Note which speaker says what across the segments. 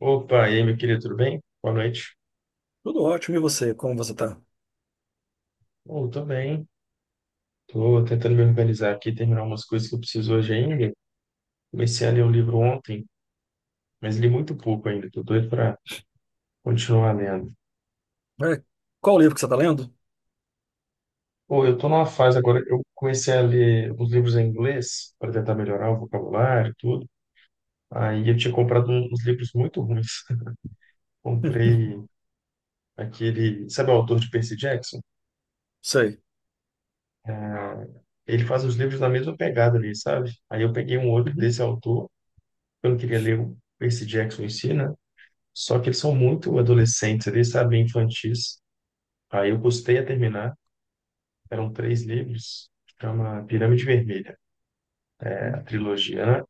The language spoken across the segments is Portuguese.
Speaker 1: Opa, e aí, meu querido, tudo bem? Boa noite.
Speaker 2: Tudo ótimo. E você? Como você tá?
Speaker 1: Oh, tô bem. Tô tentando me organizar aqui, terminar umas coisas que eu preciso hoje ainda. Comecei a ler o livro ontem, mas li muito pouco ainda. Tô doido para continuar lendo.
Speaker 2: É, Qual o livro que você tá lendo?
Speaker 1: Pô, eu tô numa fase agora, eu comecei a ler os livros em inglês para tentar melhorar o vocabulário e tudo. Aí eu tinha comprado uns livros muito ruins. Comprei aquele, sabe o autor de Percy Jackson?
Speaker 2: Sei.
Speaker 1: É, ele faz os livros na mesma pegada ali, sabe? Aí eu peguei um outro
Speaker 2: Uhum.
Speaker 1: desse autor. Eu não queria ler o Percy Jackson em si, né? Só que eles são muito adolescentes ali, sabe? Infantis. Aí eu custei a terminar. Eram três livros. Chama Pirâmide Vermelha, a trilogia, né?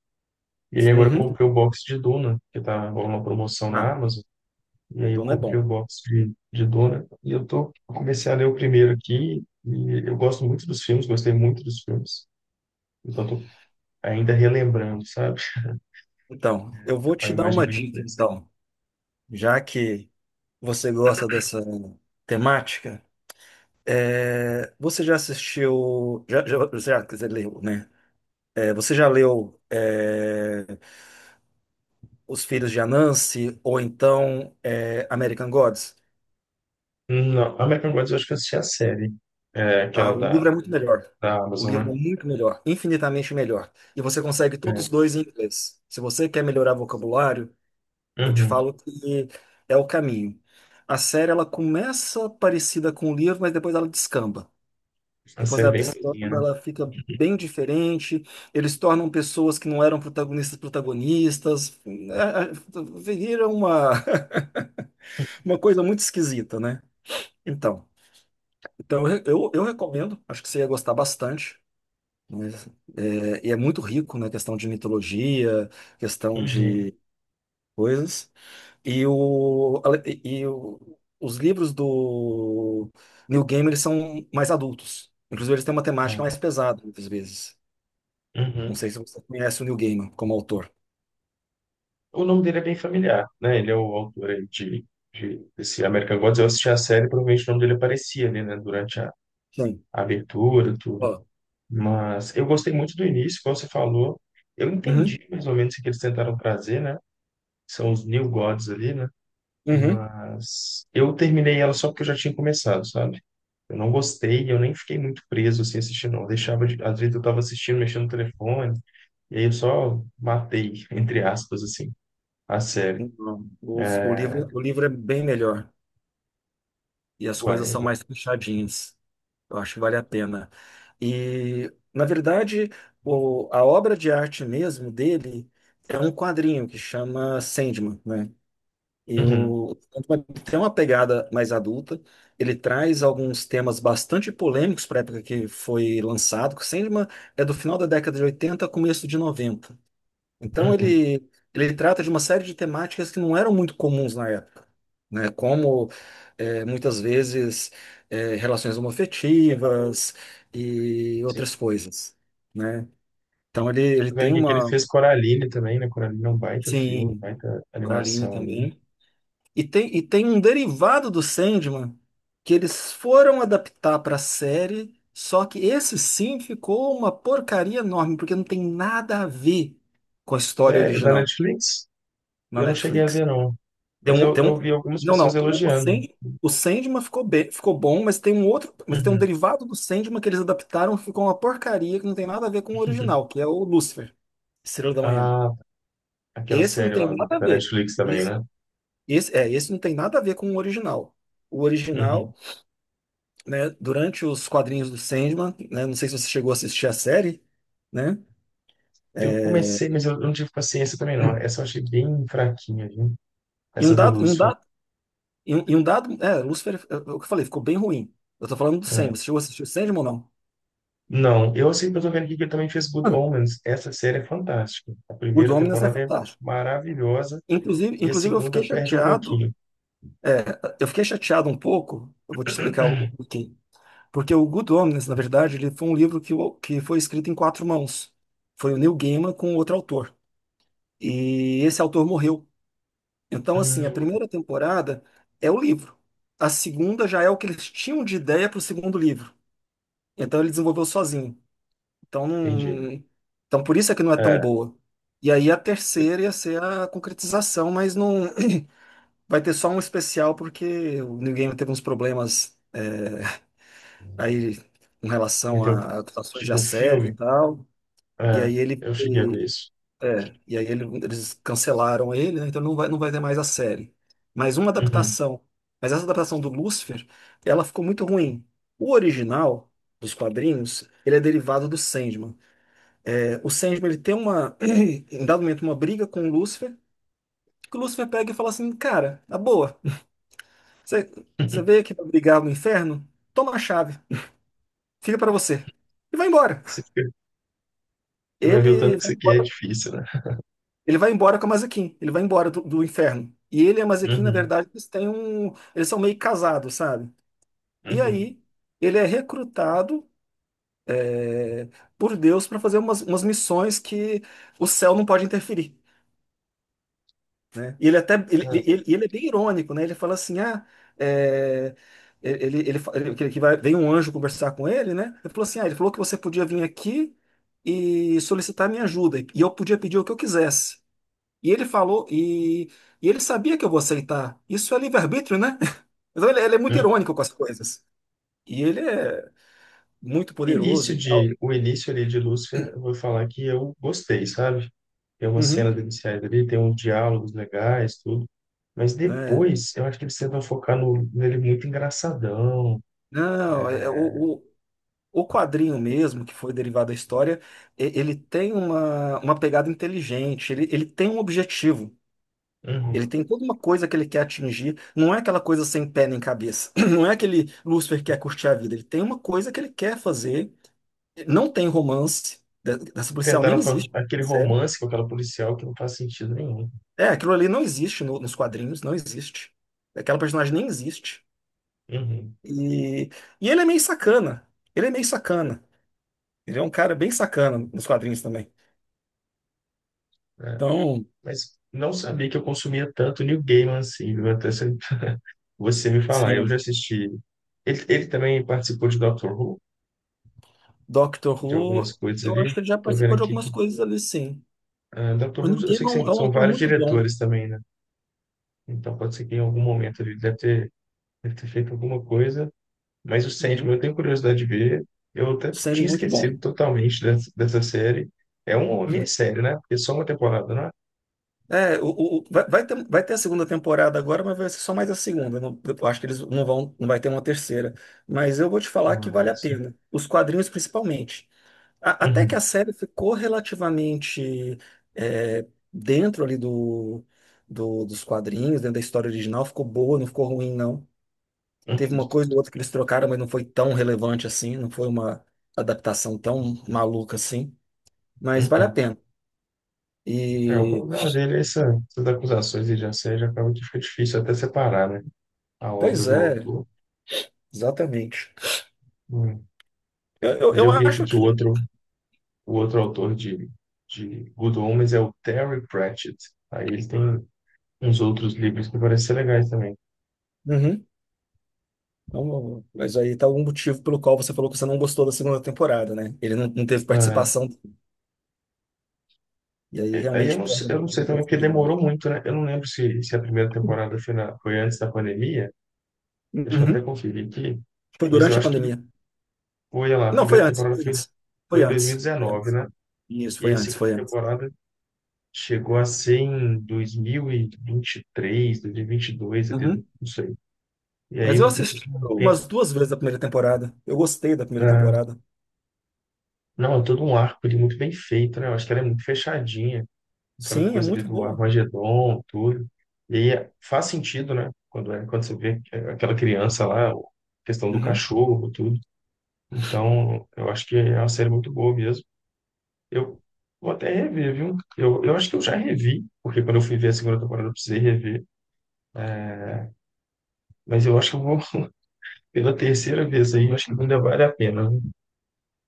Speaker 1: E aí agora eu
Speaker 2: Uhum.
Speaker 1: comprei o box de Duna, que tá rolando uma promoção
Speaker 2: Ah,
Speaker 1: na Amazon. E aí eu
Speaker 2: Duna é
Speaker 1: comprei o
Speaker 2: bom.
Speaker 1: box de Duna. E eu tô, eu comecei a ler o primeiro aqui. E eu gosto muito dos filmes, gostei muito dos filmes. Então tô ainda relembrando, sabe?
Speaker 2: Então, eu
Speaker 1: Tá
Speaker 2: vou
Speaker 1: com a
Speaker 2: te dar
Speaker 1: imagem
Speaker 2: uma
Speaker 1: bem
Speaker 2: dica,
Speaker 1: fresca.
Speaker 2: então. Já que você gosta dessa temática, você já assistiu, já, quer dizer, leu, né? Você já leu Os Filhos de Anansi ou então American Gods?
Speaker 1: Não, American Gods eu acho que eu assisti a série. É,
Speaker 2: Ah,
Speaker 1: aquela
Speaker 2: o
Speaker 1: da
Speaker 2: livro é muito melhor.
Speaker 1: da
Speaker 2: O
Speaker 1: Amazon,
Speaker 2: livro
Speaker 1: né?
Speaker 2: é muito melhor, infinitamente melhor. E você consegue todos
Speaker 1: É.
Speaker 2: os dois em inglês. Se você quer melhorar vocabulário, eu te
Speaker 1: Uhum.
Speaker 2: falo que é o caminho. A série ela começa parecida com o livro, mas depois ela descamba.
Speaker 1: A
Speaker 2: Depois
Speaker 1: série
Speaker 2: ela
Speaker 1: bem
Speaker 2: descamba,
Speaker 1: maisinha, né?
Speaker 2: ela fica bem diferente. Eles tornam pessoas que não eram protagonistas protagonistas. Vira uma, uma coisa muito esquisita, né? Então, eu recomendo. Acho que você ia gostar bastante. E é muito rico na questão de mitologia, questão
Speaker 1: Uhum.
Speaker 2: de coisas. E, o, e o- os livros do Neil Gaiman eles são mais adultos. Inclusive, eles têm uma temática
Speaker 1: É.
Speaker 2: mais pesada, muitas vezes. Não
Speaker 1: Uhum.
Speaker 2: sei se você conhece o Neil Gaiman como autor.
Speaker 1: O nome dele é bem familiar, né? Ele é o autor aí desse American Gods. Eu assisti a série, provavelmente o nome dele aparecia ali, né? Durante a,
Speaker 2: Sim.
Speaker 1: a abertura, tudo.
Speaker 2: Ó.
Speaker 1: Mas eu gostei muito do início, como você falou. Eu
Speaker 2: Uhum,
Speaker 1: entendi mais ou menos o que eles tentaram trazer, né? São os New Gods ali, né?
Speaker 2: uhum.
Speaker 1: Mas eu terminei ela só porque eu já tinha começado, sabe? Eu não gostei, eu nem fiquei muito preso assim assistindo, não. Eu deixava de... Às vezes eu tava assistindo, mexendo no telefone, e aí eu só matei, entre aspas, assim, a série.
Speaker 2: Então, o livro é bem melhor, e as coisas
Speaker 1: Uai.
Speaker 2: são mais fechadinhas. Eu acho que vale a pena. E, na verdade, a obra de arte mesmo dele é um quadrinho que chama Sandman, né?
Speaker 1: Uhum,
Speaker 2: Eu, tem uma pegada mais adulta, ele traz alguns temas bastante polêmicos para a época que foi lançado, que o Sandman é do final da década de 80, começo de 90, então
Speaker 1: uhum,
Speaker 2: ele trata de uma série de temáticas que não eram muito comuns na época, né? Como muitas vezes relações homoafetivas e outras
Speaker 1: sim.
Speaker 2: coisas, né? Então ele
Speaker 1: Tô vendo
Speaker 2: tem
Speaker 1: aqui que ele
Speaker 2: uma,
Speaker 1: fez Coraline também, né? Coraline é um baita filme,
Speaker 2: sim,
Speaker 1: baita
Speaker 2: Bralinha
Speaker 1: animação ali.
Speaker 2: também. E tem um derivado do Sandman que eles foram adaptar para a série, só que esse sim ficou uma porcaria enorme, porque não tem nada a ver com a história
Speaker 1: Sério, da
Speaker 2: original
Speaker 1: Netflix?
Speaker 2: na
Speaker 1: Eu não cheguei a
Speaker 2: Netflix.
Speaker 1: ver, não.
Speaker 2: Tem
Speaker 1: Mas
Speaker 2: um,
Speaker 1: eu,
Speaker 2: tem
Speaker 1: eu vi
Speaker 2: um,
Speaker 1: algumas
Speaker 2: não, não.
Speaker 1: pessoas
Speaker 2: O, o,
Speaker 1: elogiando.
Speaker 2: Sand, o Sandman ficou bom, mas tem um outro. Mas tem um
Speaker 1: Uhum.
Speaker 2: derivado do Sandman que eles adaptaram que ficou uma porcaria que não tem nada a ver com o original, que é o Lucifer, Estrela da Manhã.
Speaker 1: Ah, tá. Aquela
Speaker 2: Esse não
Speaker 1: série
Speaker 2: tem
Speaker 1: lá
Speaker 2: nada a
Speaker 1: da
Speaker 2: ver.
Speaker 1: Netflix também,
Speaker 2: Esse,
Speaker 1: né?
Speaker 2: esse não tem nada a ver com o original. O original,
Speaker 1: Uhum.
Speaker 2: né, durante os quadrinhos do Sandman, né, não sei se você chegou a assistir a série, né?
Speaker 1: Eu comecei, mas eu não tive paciência também, não. Essa eu achei bem fraquinha, viu?
Speaker 2: Em um
Speaker 1: Essa do
Speaker 2: dado, em um
Speaker 1: Lúcio,
Speaker 2: dado, em um dado, Lucifer, é o que eu falei, ficou bem ruim. Eu tô falando do
Speaker 1: né?
Speaker 2: Sandman. Você chegou a assistir o Sandman ou não?
Speaker 1: Não, eu sei que eu tô vendo aqui que ele também fez Good
Speaker 2: Ah.
Speaker 1: Omens. Essa série é fantástica. A
Speaker 2: O
Speaker 1: primeira
Speaker 2: Dominus é
Speaker 1: temporada é
Speaker 2: fantástico.
Speaker 1: maravilhosa
Speaker 2: Inclusive,
Speaker 1: e a
Speaker 2: inclusive eu
Speaker 1: segunda
Speaker 2: fiquei
Speaker 1: perde um pouquinho.
Speaker 2: é, chateado um pouco, eu vou te explicar o porquê. Porque o Good Omens, na verdade, ele foi um livro que foi escrito em quatro mãos. Foi o Neil Gaiman com outro autor. E esse autor morreu. Então, assim, a
Speaker 1: Hum,
Speaker 2: primeira temporada é o livro. A segunda já é o que eles tinham de ideia para o segundo livro. Então ele desenvolveu sozinho. Então,
Speaker 1: entendi.
Speaker 2: não. Então por isso é que não é tão
Speaker 1: É,
Speaker 2: boa. E aí a terceira ia ser a concretização, mas não. Vai ter só um especial porque o New Game teve uns problemas, aí com relação
Speaker 1: então,
Speaker 2: a acusações de
Speaker 1: tipo um
Speaker 2: assédio e
Speaker 1: filme.
Speaker 2: tal. E
Speaker 1: É,
Speaker 2: aí ele
Speaker 1: eu cheguei a ver
Speaker 2: e,
Speaker 1: isso.
Speaker 2: e aí eles cancelaram ele, né? Então não vai ter mais a série. Mas uma
Speaker 1: Uhum.
Speaker 2: adaptação. Mas essa adaptação do Lucifer, ela ficou muito ruim. O original dos quadrinhos, ele é derivado do Sandman. É, o Sandman ele tem uma, em dado momento, uma briga com o Lucifer, que o Lucifer pega e fala assim, cara, na boa. Você, você veio aqui pra brigar no inferno? Toma a chave, fica para você. E vai embora.
Speaker 1: Você fica- você vai ver o tanto
Speaker 2: Ele
Speaker 1: que
Speaker 2: vai
Speaker 1: isso aqui é
Speaker 2: embora,
Speaker 1: difícil, né?
Speaker 2: ele vai embora com a Mazekin, ele vai embora do inferno. E ele e a Mazekin, na
Speaker 1: Uhum,
Speaker 2: verdade, eles têm um. Eles são meio casados, sabe? E
Speaker 1: uhum.
Speaker 2: aí, ele é recrutado, é, por Deus para fazer umas missões que o céu não pode interferir, né? E ele até ele, ele,
Speaker 1: Ah,
Speaker 2: ele é bem irônico, né? Ele fala assim, é, vem um anjo conversar com ele, né? Ele falou assim, ah, ele falou que você podia vir aqui e solicitar minha ajuda e eu podia pedir o que eu quisesse. E ele falou e ele sabia que eu vou aceitar. Isso é livre-arbítrio, né? Então ele é muito
Speaker 1: bem.
Speaker 2: irônico com as coisas. E ele é muito
Speaker 1: O
Speaker 2: poderoso e
Speaker 1: início
Speaker 2: tal.
Speaker 1: de, o início ali de Lúcifer, eu vou falar que eu gostei, sabe? Tem umas
Speaker 2: Uhum.
Speaker 1: cenas iniciais ali, tem uns diálogos legais, tudo. Mas
Speaker 2: É.
Speaker 1: depois, eu acho que eles tentam focar no, nele muito engraçadão.
Speaker 2: Não, o- O quadrinho mesmo, que foi derivado da história, ele tem uma, pegada inteligente, ele tem um objetivo, ele
Speaker 1: Uhum.
Speaker 2: tem toda uma coisa que ele quer atingir, não é aquela coisa sem pé nem cabeça, não é aquele Lúcifer que quer curtir a vida, ele tem uma coisa que ele quer fazer, não tem romance, dessa policial nem
Speaker 1: Tentaram
Speaker 2: existe,
Speaker 1: aquele
Speaker 2: sério.
Speaker 1: romance com aquela policial que não faz sentido nenhum.
Speaker 2: É, aquilo ali não existe nos quadrinhos, não existe. Aquela personagem nem existe.
Speaker 1: Uhum.
Speaker 2: E, e ele é meio sacana, ele é meio sacana, ele é um cara bem sacana nos quadrinhos também.
Speaker 1: É.
Speaker 2: Então,
Speaker 1: Mas não sabia que eu consumia tanto New Gaiman assim, viu? Até você me falar. Eu já
Speaker 2: sim.
Speaker 1: assisti. Ele também participou de Doctor Who,
Speaker 2: Doctor
Speaker 1: de algumas
Speaker 2: Who,
Speaker 1: coisas
Speaker 2: eu acho
Speaker 1: ali.
Speaker 2: que ele já
Speaker 1: Tô vendo
Speaker 2: participou de
Speaker 1: aqui.
Speaker 2: algumas coisas ali, sim.
Speaker 1: Ah, Dr.
Speaker 2: O
Speaker 1: House,
Speaker 2: Neil
Speaker 1: eu sei que
Speaker 2: Gaiman é um
Speaker 1: são
Speaker 2: autor
Speaker 1: vários
Speaker 2: muito bom.
Speaker 1: diretores também, né? Então pode ser que em algum momento ele deve ter feito alguma coisa. Mas o Sandman
Speaker 2: Uhum.
Speaker 1: eu tenho curiosidade de ver. Eu até
Speaker 2: Sério,
Speaker 1: tinha
Speaker 2: muito
Speaker 1: esquecido
Speaker 2: bom.
Speaker 1: totalmente dessa série. É uma
Speaker 2: Uhum.
Speaker 1: minissérie, né? Porque é só uma temporada, não é?
Speaker 2: Vai ter a segunda temporada agora, mas vai ser só mais a segunda. Eu acho que eles não vão, não vai ter uma terceira. Mas eu vou te falar que vale a
Speaker 1: Nossa.
Speaker 2: pena. Os quadrinhos, principalmente. Até que a
Speaker 1: Uhum.
Speaker 2: série ficou relativamente, é, dentro ali dos quadrinhos, dentro da história original. Ficou boa, não ficou ruim, não. Teve
Speaker 1: Uhum.
Speaker 2: uma coisa ou outra que eles trocaram, mas não foi tão relevante assim, não foi uma adaptação tão maluca assim, mas vale a
Speaker 1: Uhum.
Speaker 2: pena.
Speaker 1: É, o
Speaker 2: E,
Speaker 1: problema dele é essas acusações de assédio, acaba que fica difícil até separar, né? A obra
Speaker 2: pois
Speaker 1: do
Speaker 2: é,
Speaker 1: autor.
Speaker 2: exatamente.
Speaker 1: Hum.
Speaker 2: Eu, eu,
Speaker 1: Mas
Speaker 2: eu
Speaker 1: eu vi aqui
Speaker 2: acho
Speaker 1: que o
Speaker 2: que.
Speaker 1: outro O outro autor de Good Omens é o Terry Pratchett. Aí ele tem uns outros livros que parecem ser legais também.
Speaker 2: Uhum. Então, mas aí tá algum motivo pelo qual você falou que você não gostou da segunda temporada, né? Ele não teve
Speaker 1: Ah,
Speaker 2: participação, e aí
Speaker 1: é, aí eu
Speaker 2: realmente
Speaker 1: não, sei-
Speaker 2: perde um
Speaker 1: eu não
Speaker 2: pouco
Speaker 1: sei
Speaker 2: da
Speaker 1: também, porque demorou
Speaker 2: profundidade.
Speaker 1: muito, né? Eu não lembro se a primeira temporada foi antes da pandemia. Deixa eu até
Speaker 2: Uhum.
Speaker 1: conferir aqui.
Speaker 2: Foi
Speaker 1: Mas eu
Speaker 2: durante a
Speaker 1: acho que
Speaker 2: pandemia.
Speaker 1: foi, olha lá, a
Speaker 2: Não, foi
Speaker 1: primeira
Speaker 2: antes,
Speaker 1: temporada
Speaker 2: foi
Speaker 1: foi,
Speaker 2: antes.
Speaker 1: foi
Speaker 2: Foi
Speaker 1: em
Speaker 2: antes. Foi
Speaker 1: 2019,
Speaker 2: antes.
Speaker 1: né?
Speaker 2: Isso,
Speaker 1: E
Speaker 2: foi
Speaker 1: a
Speaker 2: antes,
Speaker 1: segunda
Speaker 2: foi antes.
Speaker 1: temporada chegou a ser em 2023, 2022, até,
Speaker 2: Uhum.
Speaker 1: não sei. E aí,
Speaker 2: Mas eu
Speaker 1: um,
Speaker 2: assisti
Speaker 1: um tempo,
Speaker 2: umas duas vezes a primeira temporada. Eu gostei da primeira
Speaker 1: ah,
Speaker 2: temporada.
Speaker 1: não, é todo um arco ali muito bem feito, né? Eu acho que ela é muito fechadinha, aquela
Speaker 2: Sim, é
Speaker 1: coisa ali
Speaker 2: muito
Speaker 1: do
Speaker 2: bom.
Speaker 1: Armagedon, tudo. E aí faz sentido, né? Quando você vê aquela criança lá, a questão do
Speaker 2: Uhum.
Speaker 1: cachorro, tudo. Então, eu acho que é uma série muito boa mesmo. Eu vou até rever, viu? Eu acho que eu já revi, porque quando eu fui ver a segunda temporada eu precisei rever. É, mas eu acho que eu vou, pela terceira vez aí, eu acho que ainda vale a pena, né?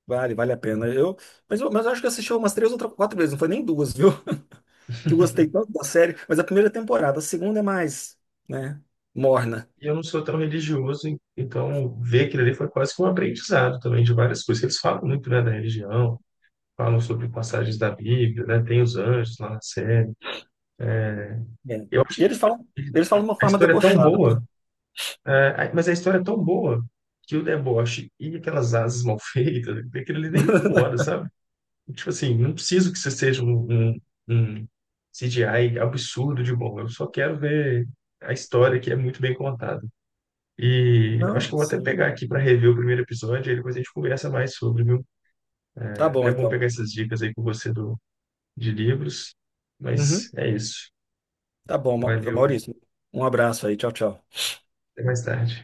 Speaker 2: Vale a pena. Mas eu acho que eu assisti umas três ou quatro vezes, não foi nem duas, viu? Que eu gostei tanto da série. Mas a primeira temporada, a segunda é mais, né, morna.
Speaker 1: E eu não sou tão religioso, então ver aquilo ali foi quase que um aprendizado também de várias coisas. Eles falam muito, né, da religião, falam sobre passagens da Bíblia, né, tem os anjos lá na série.
Speaker 2: É.
Speaker 1: Eu
Speaker 2: E
Speaker 1: acho que
Speaker 2: eles falam de uma
Speaker 1: a
Speaker 2: forma
Speaker 1: história é tão
Speaker 2: debochada.
Speaker 1: boa. É, a- mas a história é tão boa que o deboche e aquelas asas mal feitas, aquilo ali nem incomoda, sabe? Tipo assim, não preciso que você seja um, CGI absurdo de bom, eu só quero ver a história que é muito bem contada. E acho que
Speaker 2: Não,
Speaker 1: eu vou até
Speaker 2: sim.
Speaker 1: pegar aqui para rever o primeiro episódio e depois a gente conversa mais sobre, viu?
Speaker 2: Tá
Speaker 1: É
Speaker 2: bom,
Speaker 1: até bom
Speaker 2: então.
Speaker 1: pegar essas dicas aí com você de livros. Mas
Speaker 2: Uhum.
Speaker 1: é isso.
Speaker 2: Tá bom, Ma-
Speaker 1: Valeu.
Speaker 2: Maurício. Um abraço aí. Tchau, tchau.
Speaker 1: Até mais tarde.